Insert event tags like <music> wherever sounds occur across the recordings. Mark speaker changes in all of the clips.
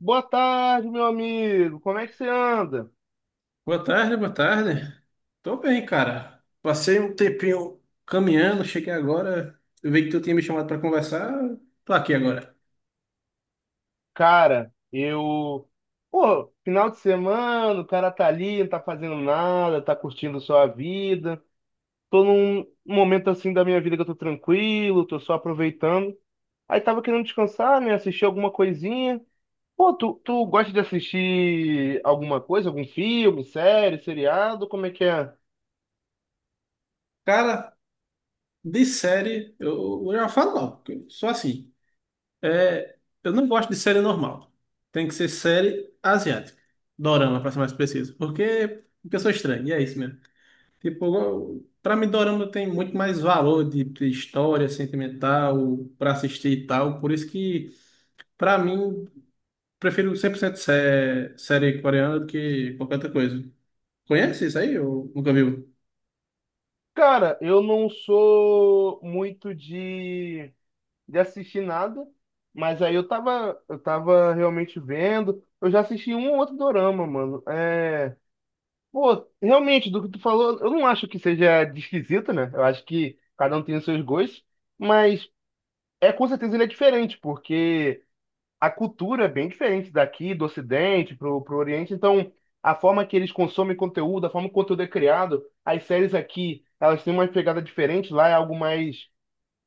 Speaker 1: Boa tarde, meu amigo. Como é que você anda?
Speaker 2: Boa tarde, boa tarde. Tô bem, cara. Passei um tempinho caminhando, cheguei agora. Eu vi que tu tinha me chamado pra conversar. Tô aqui agora.
Speaker 1: Cara, eu. Pô, final de semana, o cara tá ali, não tá fazendo nada, tá curtindo sua vida. Tô num momento assim da minha vida que eu tô tranquilo, tô só aproveitando. Aí tava querendo descansar, né? Assistir alguma coisinha. Pô, tu gosta de assistir alguma coisa, algum filme, série, seriado? Como é que é?
Speaker 2: Cara, de série, eu já falo logo, porque eu sou assim. É, eu não gosto de série normal. Tem que ser série asiática. Dorama, pra ser mais preciso. Porque eu sou estranho, e é isso mesmo. Tipo, pra mim, Dorama tem muito mais valor de história sentimental, pra assistir e tal. Por isso que. Pra mim, prefiro 100% série coreana do que qualquer outra coisa. Conhece isso aí ou nunca viu?
Speaker 1: Cara, eu não sou muito de assistir nada, mas aí eu tava realmente vendo. Eu já assisti um ou outro dorama, mano. Pô, realmente, do que tu falou, eu não acho que seja de esquisito, né? Eu acho que cada um tem os seus gostos, mas é com certeza ele é diferente, porque a cultura é bem diferente daqui, do Ocidente, pro, pro Oriente, então. A forma que eles consomem conteúdo, a forma que o conteúdo é criado, as séries aqui, elas têm uma pegada diferente, lá é algo mais,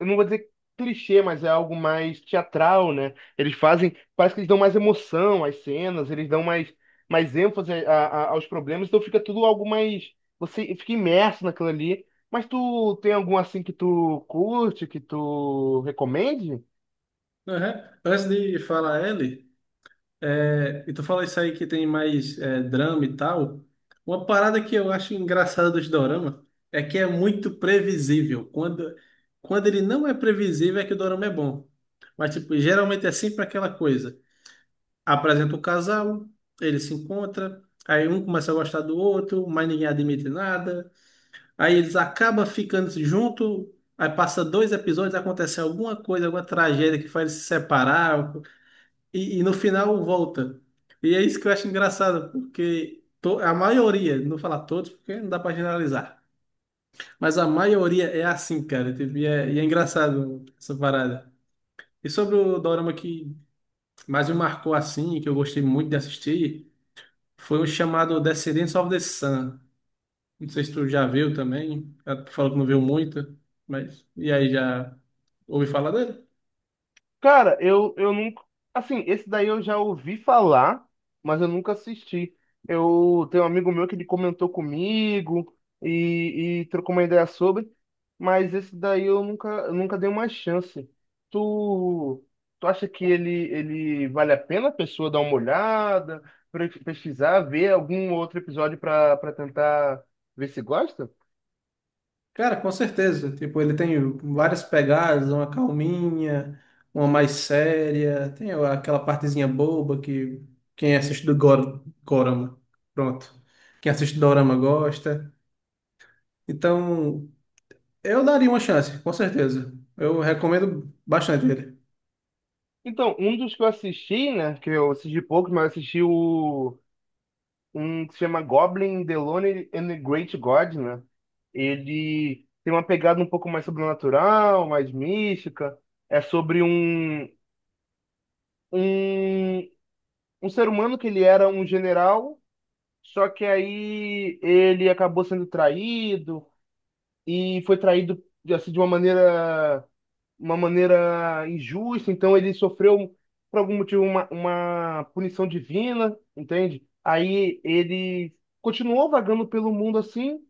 Speaker 1: eu não vou dizer clichê, mas é algo mais teatral, né? Eles fazem, parece que eles dão mais emoção às cenas, eles dão mais, mais ênfase aos problemas, então fica tudo algo mais, você fica imerso naquilo ali. Mas tu tem algum assim que tu curte, que tu recomende?
Speaker 2: Aham. Antes de falar ele, é, e tu fala isso aí que tem mais é, drama e tal, uma parada que eu acho engraçada dos dorama é que é muito previsível. Quando ele não é previsível é que o dorama é bom. Mas, tipo, geralmente é sempre aquela coisa. Apresenta o casal, eles se encontram, aí um começa a gostar do outro, mas ninguém admite nada. Aí eles acabam ficando junto, aí passa dois episódios, acontece alguma coisa, alguma tragédia que faz eles se separar, e no final volta. E é isso que eu acho engraçado, porque a maioria, não vou falar todos, porque não dá pra generalizar, mas a maioria é assim, cara, tipo, e é engraçado essa parada. E sobre o dorama que mais me marcou assim, que eu gostei muito de assistir, foi o chamado Descendants of the Sun. Não sei se tu já viu também. Ela falou que não viu muito, mas. E aí, já ouvi falar dele?
Speaker 1: Cara, eu nunca. Assim, esse daí eu já ouvi falar, mas eu nunca assisti. Eu tenho um amigo meu que ele comentou comigo e trocou uma ideia sobre, mas esse daí eu nunca dei uma chance. Tu, tu acha que ele vale a pena a pessoa dar uma olhada, pesquisar, ver algum outro episódio para para tentar ver se gosta?
Speaker 2: Cara, com certeza. Tipo, ele tem várias pegadas, uma calminha, uma mais séria, tem aquela partezinha boba que quem assiste do Gorama, pronto. Quem assiste do Dorama gosta. Então, eu daria uma chance, com certeza. Eu recomendo bastante ele.
Speaker 1: Então, um dos que eu assisti, né, que eu assisti poucos, mas eu assisti o um que se chama Goblin, the Lonely and the Great God, né? Ele tem uma pegada um pouco mais sobrenatural, mais mística. É sobre um, um ser humano que ele era um general, só que aí ele acabou sendo traído e foi traído assim, de uma maneira injusta. Então ele sofreu, por algum motivo, uma punição divina, entende? Aí ele continuou vagando pelo mundo assim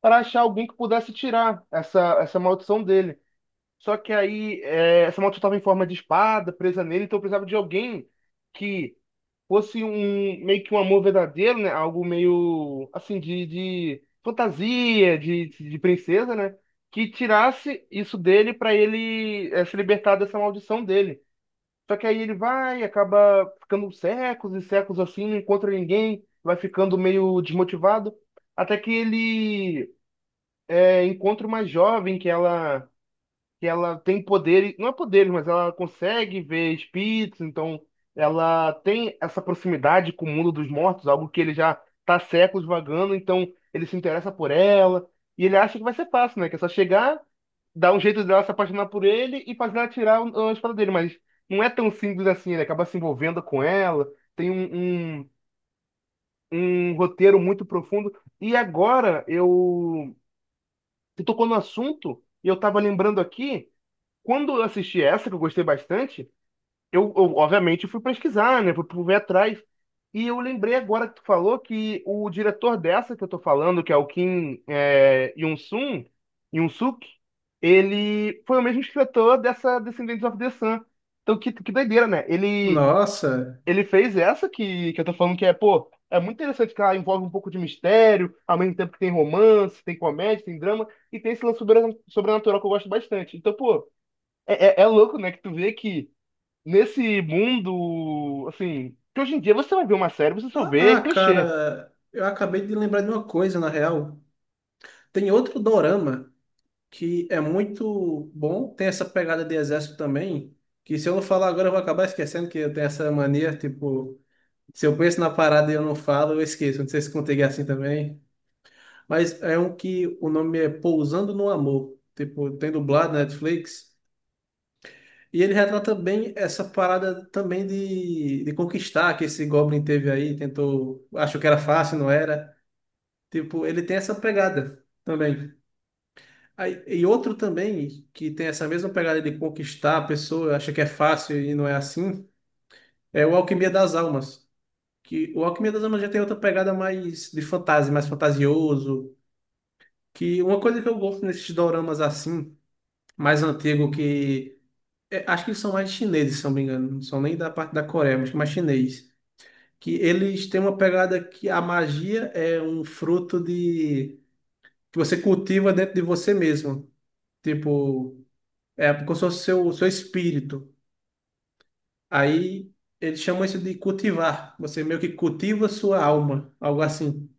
Speaker 1: para achar alguém que pudesse tirar essa maldição dele. Só que aí é, essa maldição estava em forma de espada presa nele, então eu precisava de alguém que fosse um meio que um amor verdadeiro, né? Algo meio assim de fantasia, de princesa, né? Que tirasse isso dele para ele se libertar dessa maldição dele. Só que aí ele vai, acaba ficando séculos e séculos assim, não encontra ninguém, vai ficando meio desmotivado, até que ele encontra uma jovem que ela tem poderes, não é poderes, mas ela consegue ver espíritos, então ela tem essa proximidade com o mundo dos mortos, algo que ele já está há séculos vagando, então ele se interessa por ela e ele acha que vai ser fácil, né? Que é só chegar, dar um jeito dela se apaixonar por ele e fazer ela tirar a espada dele, mas não é tão simples assim, ele acaba se envolvendo com ela, tem um roteiro muito profundo. E agora eu Você tocou no assunto e eu tava lembrando aqui, quando eu assisti essa, que eu gostei bastante, obviamente fui pesquisar, né? Fui ver atrás. E eu lembrei agora que tu falou que o diretor dessa que eu tô falando, que é o Kim Yoon-sun, Yoon-suk, ele foi o mesmo escritor dessa Descendants of the Sun. Então, que doideira, né?
Speaker 2: Nossa!
Speaker 1: Ele fez essa que eu tô falando que é, pô, é muito interessante que ela envolve um pouco de mistério, ao mesmo tempo que tem romance, tem comédia, tem drama, e tem esse lance sobrenatural que eu gosto bastante. Então, pô, é louco, né, que tu vê que nesse mundo, assim, que hoje em dia você vai ver uma série, você só vê clichê.
Speaker 2: Cara, eu acabei de lembrar de uma coisa, na real. Tem outro dorama que é muito bom, tem essa pegada de exército também, que se eu não falar agora eu vou acabar esquecendo que eu tenho essa mania, tipo, se eu penso na parada e eu não falo, eu esqueço. Não sei se contigo é assim também, mas é um que o nome é Pousando no Amor, tipo, tem dublado na Netflix, e ele retrata bem essa parada também de conquistar que esse Goblin teve aí, tentou, achou que era fácil, não era. Tipo, ele tem essa pegada também. Aí, e outro também, que tem essa mesma pegada de conquistar a pessoa, acha que é fácil e não é assim, é o Alquimia das Almas. Que o Alquimia das Almas já tem outra pegada mais de fantasia, mais fantasioso. Que uma coisa que eu gosto nesses doramas assim, mais antigo, que é, acho que eles são mais chineses, se eu não me engano, não são nem da parte da Coreia, mas que é mais chinês. Que eles têm uma pegada que a magia é um fruto de que você cultiva dentro de você mesmo. Tipo. É, porque eu sou seu espírito. Aí eles chamam isso de cultivar. Você meio que cultiva sua alma, algo assim.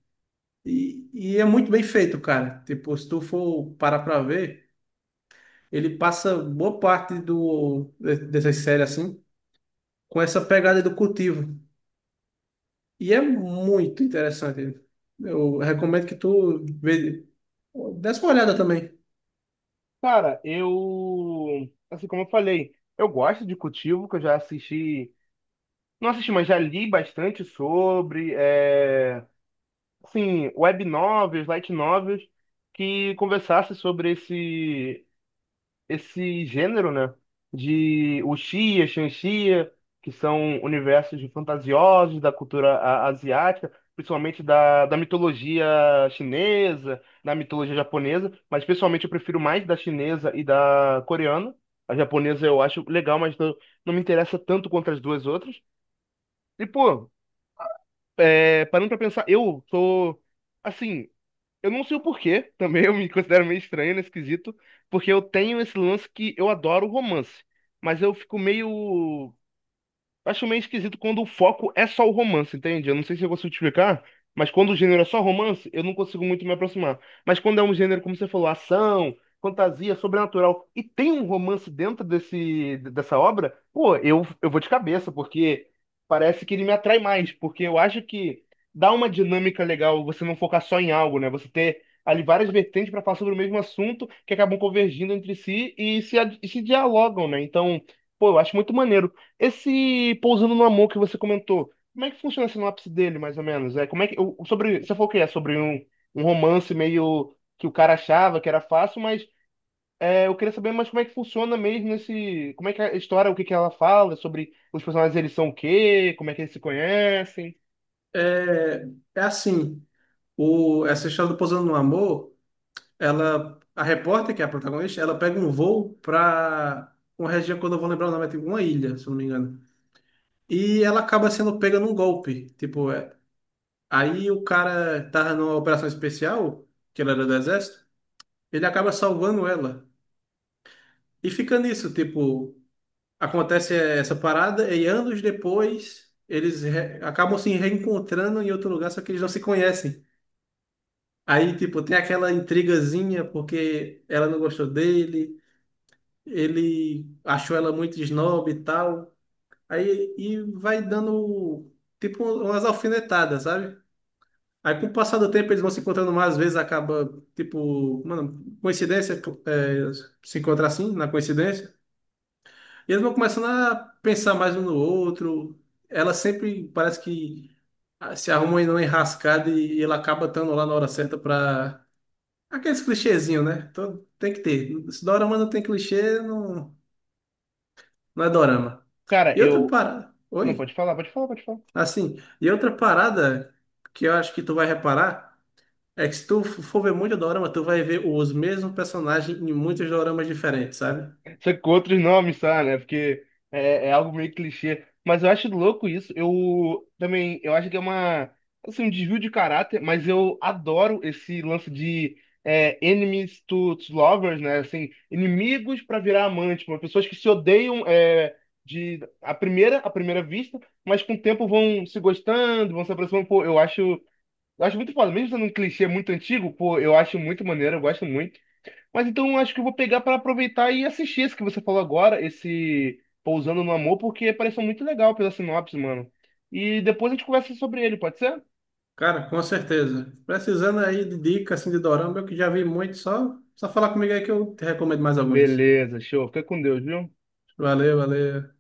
Speaker 2: E é muito bem feito, cara. Tipo, se tu for parar pra ver, ele passa boa parte dessas séries assim, com essa pegada do cultivo. E é muito interessante. Eu recomendo que tu vê, desse uma olhada também.
Speaker 1: Cara, eu, assim como eu falei, eu gosto de Cultivo, que eu já assisti, não assisti, mas já li bastante sobre, é... assim, web novels, light novels, que conversasse sobre esse gênero, né? De wuxia, xanxia, que são universos de fantasiosos da cultura asiática, principalmente da, da mitologia chinesa, da mitologia japonesa, mas pessoalmente eu prefiro mais da chinesa e da coreana. A japonesa eu acho legal, mas não me interessa tanto quanto as duas outras. E, pô, é, parando pra pensar, eu sou, assim, eu não sei o porquê, <laughs> também eu me considero meio estranho nesse quesito, porque eu tenho esse lance que eu adoro romance, mas eu fico meio. Acho meio esquisito quando o foco é só o romance, entende? Eu não sei se eu consigo te explicar, mas quando o gênero é só romance, eu não consigo muito me aproximar. Mas quando é um gênero, como você falou, ação, fantasia, sobrenatural, e tem um romance dentro desse, dessa obra, pô, eu vou de cabeça, porque parece que ele me atrai mais, porque eu acho que dá uma dinâmica legal você não focar só em algo, né? Você ter ali várias vertentes para falar sobre o mesmo assunto que acabam convergindo entre si e se, e se dialogam, né? Então, pô, eu acho muito maneiro. Esse Pousando no Amor que você comentou, como é que funciona a sinopse dele, mais ou menos? É, como é que, sobre, você falou que é sobre um romance meio que o cara achava que era fácil, mas é, eu queria saber mais como é que funciona mesmo esse, como é que é a história, o que que ela fala, sobre os personagens, eles são o quê, como é que eles se conhecem.
Speaker 2: É, é assim, essa história do Pousando no Amor. Ela, a repórter, que é a protagonista, ela pega um voo para uma região que eu não vou lembrar o nome, é tipo uma ilha, se eu não me engano. E ela acaba sendo pega num golpe. Tipo, é, aí o cara tava numa operação especial, que ela era do exército, ele acaba salvando ela. E fica nisso, tipo, acontece essa parada e anos depois eles acabam se reencontrando em outro lugar, só que eles não se conhecem. Aí, tipo, tem aquela intrigazinha porque ela não gostou dele, ele achou ela muito snob e tal. Aí e vai dando tipo umas alfinetadas, sabe? Aí com o passar do tempo eles vão se encontrando mais vezes, acaba tipo, mano, coincidência, é, se encontrar assim, na coincidência. E eles vão começando a pensar mais um no outro. Ela sempre parece que se arruma em uma enrascada e ele acaba estando lá na hora certa pra. Aqueles clichêzinhos, né? Tem que ter. Se dorama não tem clichê, não, não é dorama.
Speaker 1: Cara,
Speaker 2: E outra
Speaker 1: eu...
Speaker 2: parada.
Speaker 1: Não,
Speaker 2: Oi?
Speaker 1: pode falar.
Speaker 2: Assim, e outra parada que eu acho que tu vai reparar é que se tu for ver muito dorama, tu vai ver os mesmos personagens em muitos doramas diferentes, sabe?
Speaker 1: Só que com outros nomes, sabe, né? Porque é algo meio clichê. Mas eu acho louco isso. Eu também, eu acho que é uma, assim, um desvio de caráter, mas eu adoro esse lance de enemies to lovers, né? Assim, inimigos para virar amante, tipo, pessoas que se odeiam de à primeira vista, mas com o tempo vão se gostando, vão se aproximando. Pô, eu acho muito foda. Mesmo sendo um clichê muito antigo, pô, eu acho muito maneiro, eu gosto muito. Mas então acho que eu vou pegar para aproveitar e assistir esse que você falou agora, esse Pousando no Amor, porque pareceu muito legal pela sinopse, mano. E depois a gente conversa sobre ele, pode ser?
Speaker 2: Cara, com certeza. Precisando aí de dicas assim, de dorama, eu que já vi muito, só falar comigo aí que eu te recomendo mais alguns.
Speaker 1: Beleza, show. Fica com Deus, viu?
Speaker 2: Valeu, valeu.